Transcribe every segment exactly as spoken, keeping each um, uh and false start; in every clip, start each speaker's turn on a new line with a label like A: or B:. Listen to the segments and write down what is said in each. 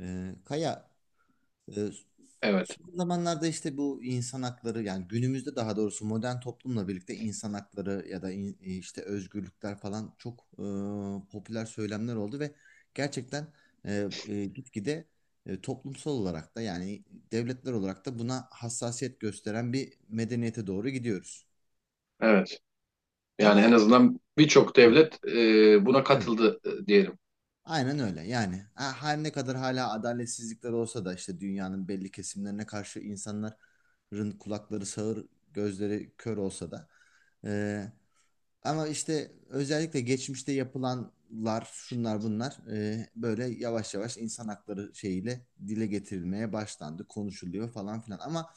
A: Ee, Kaya, e,
B: Evet,
A: son zamanlarda işte bu insan hakları, yani günümüzde, daha doğrusu modern toplumla birlikte insan hakları ya da in- e, işte özgürlükler falan çok e, popüler söylemler oldu ve gerçekten e, e, gitgide e, toplumsal olarak da, yani devletler olarak da buna hassasiyet gösteren bir medeniyete doğru gidiyoruz.
B: evet. Yani en
A: Ama.
B: azından birçok
A: Evet.
B: devlet e, buna
A: Evet.
B: katıldı e, diyelim.
A: Aynen öyle, yani ha- her ne kadar hala adaletsizlikler olsa da işte dünyanın belli kesimlerine karşı insanların kulakları sağır, gözleri kör olsa da e, ama işte özellikle geçmişte yapılanlar, şunlar bunlar, e, böyle yavaş yavaş insan hakları şeyiyle dile getirilmeye başlandı, konuşuluyor falan filan, ama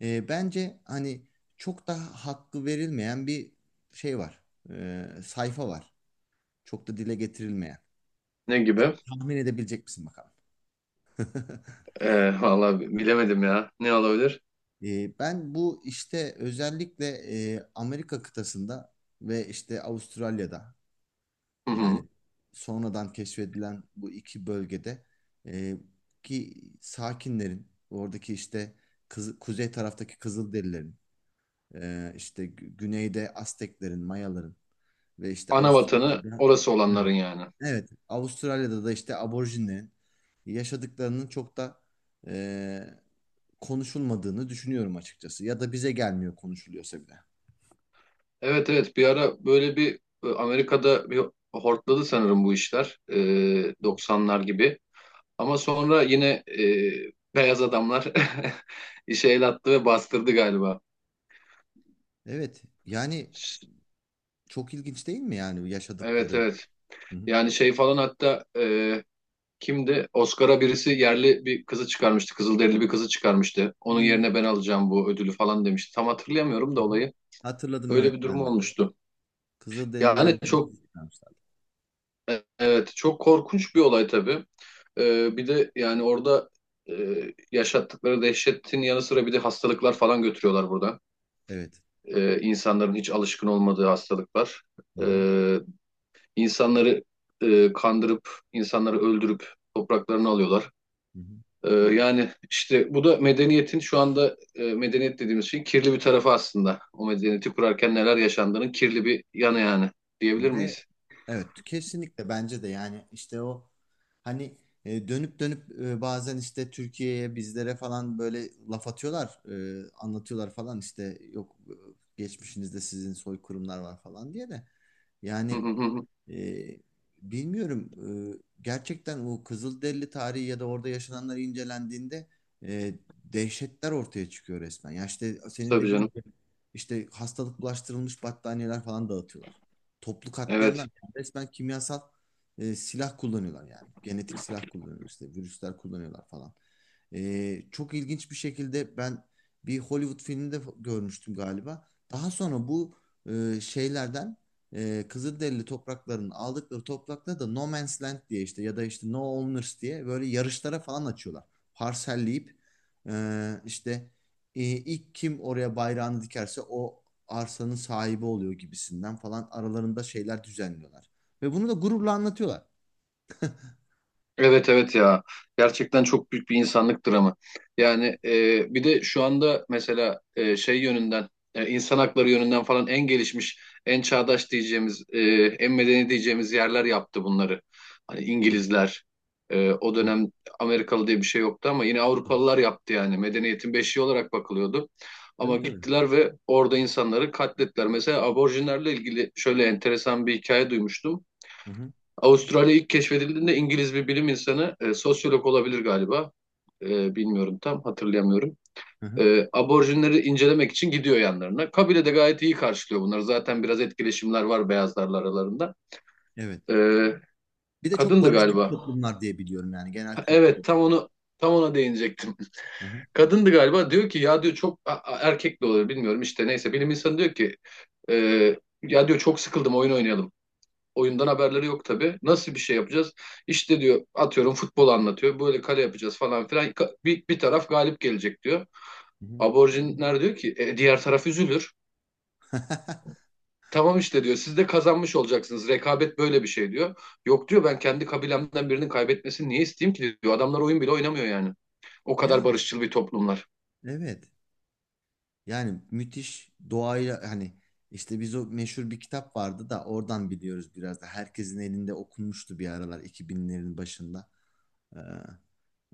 A: e, bence hani çok daha hakkı verilmeyen bir şey var, E, sayfa var, çok da dile getirilmeyen.
B: Ne gibi?
A: Tahmin edebilecek misin bakalım?
B: E, vallahi bilemedim ya. Ne olabilir?
A: E, ben bu, işte özellikle e, Amerika kıtasında ve işte Avustralya'da,
B: Hı
A: yani
B: hı.
A: sonradan keşfedilen bu iki bölgede, e, ki sakinlerin oradaki işte, kızı- kuzey taraftaki Kızılderililerin, e, işte gü- güneyde Azteklerin, Mayaların ve işte
B: Ana vatanı
A: Avustralya'da.
B: orası olanların
A: Evet,
B: yani.
A: evet. Avustralya'da da işte aborjinlerin yaşadıklarının çok da e, konuşulmadığını düşünüyorum açıkçası. Ya da bize gelmiyor, konuşuluyorsa bile.
B: Evet, evet. Bir ara böyle bir e, Amerika'da bir hortladı sanırım bu işler. E, doksanlar gibi. Ama sonra yine e, beyaz adamlar işe el attı ve bastırdı galiba.
A: Evet, yani çok ilginç değil mi yani
B: Evet,
A: yaşadıkları?
B: evet.
A: Hı hı.
B: Yani şey falan hatta e, Kimdi? Oscar'a birisi yerli bir kızı çıkarmıştı. Kızılderili bir kızı çıkarmıştı. Onun
A: Hı
B: yerine ben alacağım bu ödülü falan demişti. Tam hatırlayamıyorum
A: hı.
B: da olayı.
A: Hatırladım,
B: Öyle
A: evet,
B: bir durum
A: ben de.
B: olmuştu.
A: Kızılderili
B: Yani
A: yerlisini
B: çok
A: çıkarmışlar.
B: e- evet çok korkunç bir olay tabii. Ee, bir de yani orada e, yaşattıkları dehşetin yanı sıra bir de hastalıklar falan götürüyorlar burada.
A: Evet.
B: Ee, insanların hiç alışkın olmadığı hastalıklar.
A: Hı hı.
B: Ee, insanları e, kandırıp insanları öldürüp topraklarını alıyorlar.
A: Hı hı.
B: Ee, yani işte bu da medeniyetin şu anda e, medeniyet dediğimiz şeyin kirli bir tarafı aslında. O medeniyeti kurarken neler yaşandığının kirli bir yanı yani diyebilir
A: Ve
B: miyiz?
A: evet, kesinlikle bence de, yani işte o hani e, dönüp dönüp e, bazen işte Türkiye'ye, bizlere falan böyle laf atıyorlar, e, anlatıyorlar falan, işte yok e, geçmişinizde sizin soykırımlar var falan diye de,
B: Hı
A: yani
B: hı hı.
A: e, bilmiyorum, e, gerçekten o Kızılderili tarihi ya da orada yaşananlar incelendiğinde e, dehşetler ortaya çıkıyor resmen. Ya işte senin
B: Tabii
A: dediğin
B: canım.
A: gibi, işte hastalık bulaştırılmış battaniyeler falan dağıtıyorlar. Toplu katliamlar,
B: Evet.
A: yani resmen kimyasal e, silah kullanıyorlar yani. Genetik silah kullanıyorlar, işte virüsler kullanıyorlar falan. E, çok ilginç bir şekilde ben bir Hollywood filminde f- görmüştüm galiba. Daha sonra bu e, şeylerden, e, Kızılderili topraklarının, aldıkları toprakları da No Man's Land diye, işte, ya da işte No Owners diye böyle yarışlara falan açıyorlar. Parselleyip e, işte, e, ilk kim oraya bayrağını dikerse o arsanın sahibi oluyor gibisinden falan, aralarında şeyler düzenliyorlar. Ve bunu da gururla anlatıyorlar.
B: Evet evet ya gerçekten çok büyük bir insanlık dramı. Yani e, bir de şu anda mesela e, şey yönünden e, insan hakları yönünden falan en gelişmiş, en çağdaş diyeceğimiz, e, en medeni diyeceğimiz yerler yaptı bunları. Hani
A: Hı hı.
B: İngilizler e, o
A: Evet.
B: dönem Amerikalı diye bir şey yoktu ama yine
A: Hı hı.
B: Avrupalılar yaptı yani medeniyetin beşiği olarak bakılıyordu. Ama
A: Tabii, tabii.
B: gittiler ve orada insanları katlettiler. Mesela aborjinlerle ilgili şöyle enteresan bir hikaye duymuştum.
A: Hı hı.
B: Avustralya ilk keşfedildiğinde İngiliz bir bilim insanı, e, sosyolog olabilir galiba. E, bilmiyorum tam hatırlayamıyorum.
A: Hı hı.
B: E, aborjinleri incelemek için gidiyor yanlarına. Kabile de gayet iyi karşılıyor bunları. Zaten biraz etkileşimler var beyazlarla aralarında.
A: Evet.
B: E,
A: Bir de çok
B: Kadındı
A: barışçı bir
B: galiba.
A: toplumlar diye biliyorum, yani genel
B: Ha,
A: kültür
B: evet
A: olarak.
B: tam onu tam ona değinecektim.
A: Hı hı.
B: Kadındı galiba diyor ki ya diyor çok a, a- erkek de olur bilmiyorum işte neyse bilim insanı diyor ki e, ya diyor çok sıkıldım oyun oynayalım. Oyundan haberleri yok tabii. Nasıl bir şey yapacağız? İşte diyor atıyorum futbol anlatıyor. Böyle kale yapacağız falan filan. Ka- Bir, bir taraf galip gelecek diyor.
A: Hı hı.
B: Aborjinler diyor ki "E, diğer taraf üzülür. Tamam işte diyor siz de kazanmış olacaksınız. Rekabet böyle bir şey diyor. Yok diyor ben kendi kabilemden birinin kaybetmesini niye isteyeyim ki diyor. Adamlar oyun bile oynamıyor yani. O
A: Ya,
B: kadar barışçıl bir toplumlar.
A: evet. Yani müthiş doğayla, hani işte biz, o meşhur bir kitap vardı da oradan biliyoruz biraz da. Herkesin elinde okunmuştu bir aralar, iki binlerin başında. Ee,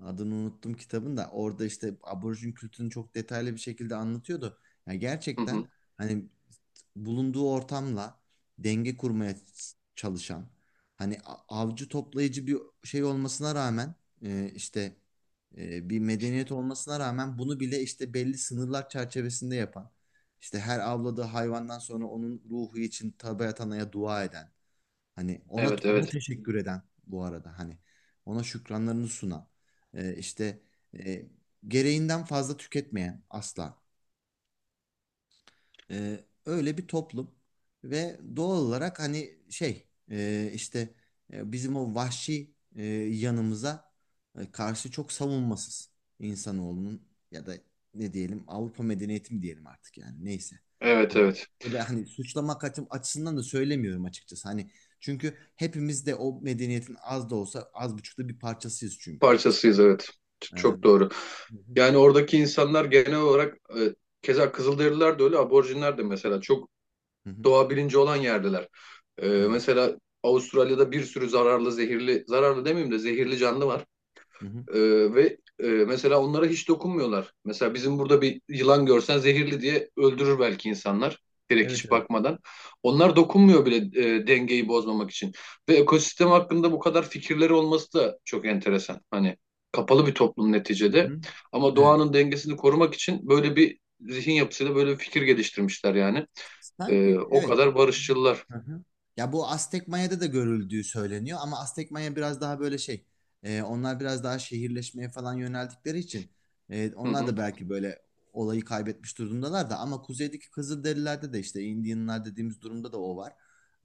A: Adını unuttum kitabın da, orada işte aborjin kültürünü çok detaylı bir şekilde anlatıyordu. Yani
B: Hı
A: gerçekten,
B: hı.
A: hani bulunduğu ortamla denge kurmaya çalışan, hani a- avcı toplayıcı bir şey olmasına rağmen, e, işte e, bir medeniyet olmasına rağmen bunu bile işte belli sınırlar çerçevesinde yapan, işte her avladığı hayvandan sonra onun ruhu için Tabiat Ana'ya dua eden, hani ona
B: Evet
A: ona
B: evet.
A: teşekkür eden bu arada, hani ona şükranlarını sunan, e, işte e, gereğinden fazla tüketmeyen asla. Ee, öyle bir toplum, ve doğal olarak hani şey, e, işte e, bizim o vahşi e, yanımıza e, karşı çok savunmasız insanoğlunun, ya da ne diyelim, Avrupa medeniyeti mi diyelim artık, yani neyse.
B: Evet
A: Hani
B: evet.
A: burada, hani suçlamak açı- açısından da söylemiyorum açıkçası. Hani, çünkü hepimiz de o medeniyetin az da olsa, az buçuk da bir parçasıyız çünkü artık.
B: Parçasıyız evet. Ç-
A: Ee, hı
B: Çok doğru.
A: hı,
B: Yani oradaki insanlar genel olarak e, keza Kızılderililer de öyle, aborjinler de mesela çok
A: hı hı,
B: doğa bilinci olan yerdeler. E,
A: evet.
B: mesela Avustralya'da bir sürü zararlı, zehirli, zararlı demeyeyim de zehirli canlı var.
A: Hı hı,
B: Ee, ve e, mesela onlara hiç dokunmuyorlar. Mesela bizim burada bir yılan görsen zehirli diye öldürür belki insanlar. Direkt
A: evet,
B: hiç
A: evet.
B: bakmadan. Onlar dokunmuyor bile e, dengeyi bozmamak için. Ve ekosistem hakkında bu kadar fikirleri olması da çok enteresan. Hani kapalı bir toplum
A: Hı
B: neticede.
A: hı.
B: Ama
A: Evet.
B: doğanın dengesini korumak için böyle bir zihin yapısıyla böyle bir fikir geliştirmişler yani. Ee,
A: Sanki
B: o
A: evet.
B: kadar barışçılar.
A: Hı hı. Ya, bu Aztek Maya'da da görüldüğü söyleniyor, ama Aztek Maya biraz daha böyle şey, e, onlar biraz daha şehirleşmeye falan yöneldikleri için e,
B: Hı
A: onlar
B: hı,
A: da belki böyle olayı kaybetmiş durumdalar da, ama kuzeydeki Kızılderililerde de, işte Indianlar dediğimiz durumda da o var.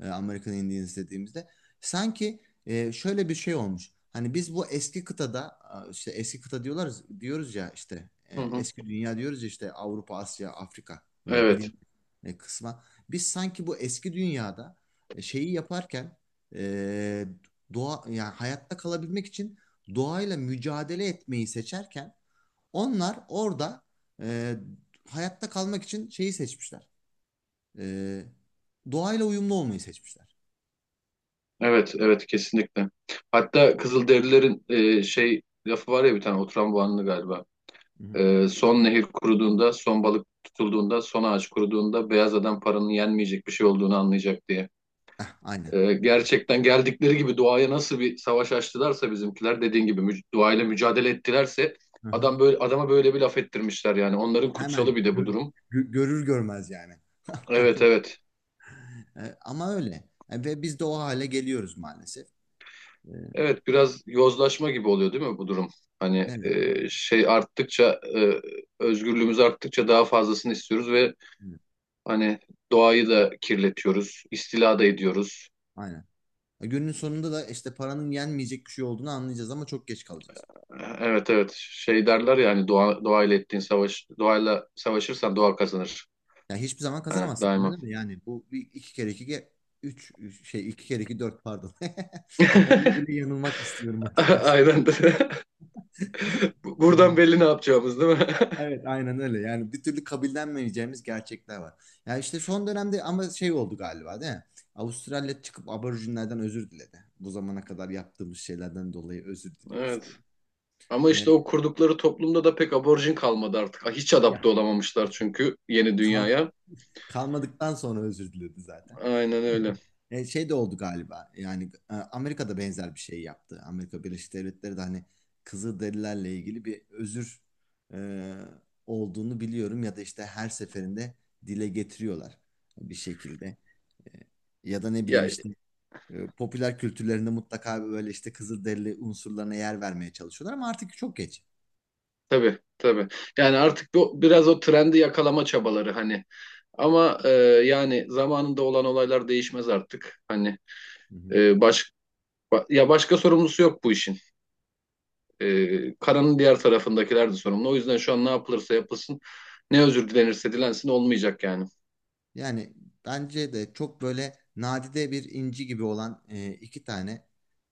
A: E, American Indians dediğimizde. Sanki e, şöyle bir şey olmuş. Hani biz bu eski kıtada, a, işte eski kıta diyorlar, diyoruz ya, işte e,
B: hı hı.
A: eski dünya diyoruz ya, işte Avrupa, Asya, Afrika, yani
B: Evet.
A: bilin e, kısma. Biz sanki bu eski dünyada e, şeyi yaparken, e, doğa, yani hayatta kalabilmek için doğayla mücadele etmeyi seçerken, onlar orada e, hayatta kalmak için şeyi seçmişler. E, Doğayla uyumlu olmayı seçmişler.
B: Evet, evet kesinlikle. Hatta Kızılderililerin e, şey lafı var ya bir tane oturan bu anlı galiba.
A: Hı hı.
B: E, son nehir kuruduğunda, son balık tutulduğunda, son ağaç kuruduğunda beyaz adam paranın yenmeyecek bir şey olduğunu anlayacak diye.
A: Ah, aynen.
B: E,
A: Yani.
B: gerçekten geldikleri gibi doğaya nasıl bir savaş açtılarsa bizimkiler dediğin gibi mü doğayla mücadele ettilerse
A: Hı hı.
B: adam böyle adama böyle bir laf ettirmişler yani. Onların kutsalı
A: Hemen
B: bir de bu
A: gör-
B: durum.
A: gö- görür görmez yani.
B: Evet, evet.
A: E, ama öyle. E, ve biz de o hale geliyoruz maalesef. E,
B: Evet biraz yozlaşma gibi oluyor değil mi bu durum? Hani e,
A: evet.
B: şey arttıkça e, özgürlüğümüz arttıkça daha fazlasını istiyoruz ve
A: Evet.
B: hani doğayı da kirletiyoruz, istila da ediyoruz.
A: Aynen. Günün sonunda da işte paranın yenmeyecek bir şey olduğunu anlayacağız, ama çok geç kalacağız.
B: Evet evet şey derler ya hani doğa, doğayla ettiğin savaş, doğayla savaşırsan doğa kazanır.
A: Yani hiçbir zaman
B: Hani
A: kazanamazsın.
B: daima.
A: Anladın mı? Yani bu bir, iki kere iki ge- üç üç- şey, iki kere iki dört, pardon. Bak, onda bile yanılmak istiyorum açıkçası.
B: Aynen. Buradan
A: Ha.
B: belli ne yapacağımız değil mi?
A: Evet, aynen öyle. Yani bir türlü kabullenmeyeceğimiz gerçekler var. Ya işte son dönemde ama şey oldu galiba, değil mi? Avustralya çıkıp aborjinlerden özür diledi. Bu zamana kadar yaptığımız şeylerden dolayı özür diliyoruz
B: Evet.
A: diye.
B: Ama işte
A: Ee,
B: o kurdukları toplumda da pek aborjin kalmadı artık. Hiç
A: Ya,
B: adapte olamamışlar çünkü yeni
A: kal
B: dünyaya.
A: kalmadıktan sonra özür diledi zaten.
B: Aynen öyle.
A: E, şey de oldu galiba. Yani e, Amerika'da benzer bir şey yaptı. Amerika Birleşik Devletleri de, hani Kızılderililerle ilgili bir özür e, olduğunu biliyorum, ya da işte her seferinde dile getiriyorlar bir şekilde. E, Ya da ne bileyim
B: Ya
A: işte, e, popüler kültürlerinde mutlaka böyle işte Kızılderili unsurlarına yer vermeye çalışıyorlar, ama artık çok geç.
B: tabii tabii. Yani artık bu biraz o trendi yakalama çabaları hani. Ama e, yani zamanında olan olaylar değişmez artık. Hani
A: Hı hı.
B: e, baş, ba- ya başka sorumlusu yok bu işin. E, karanın diğer tarafındakiler de sorumlu. O yüzden şu an ne yapılırsa yapılsın, ne özür dilenirse dilensin olmayacak yani.
A: Yani bence de çok böyle nadide bir inci gibi olan e, iki tane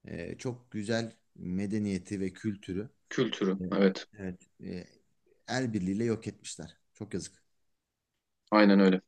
A: e, çok güzel medeniyeti ve kültürü.
B: Kültürü.
A: Evet.
B: Evet.
A: Evet. E, el birliğiyle yok etmişler. Çok yazık.
B: Aynen öyle.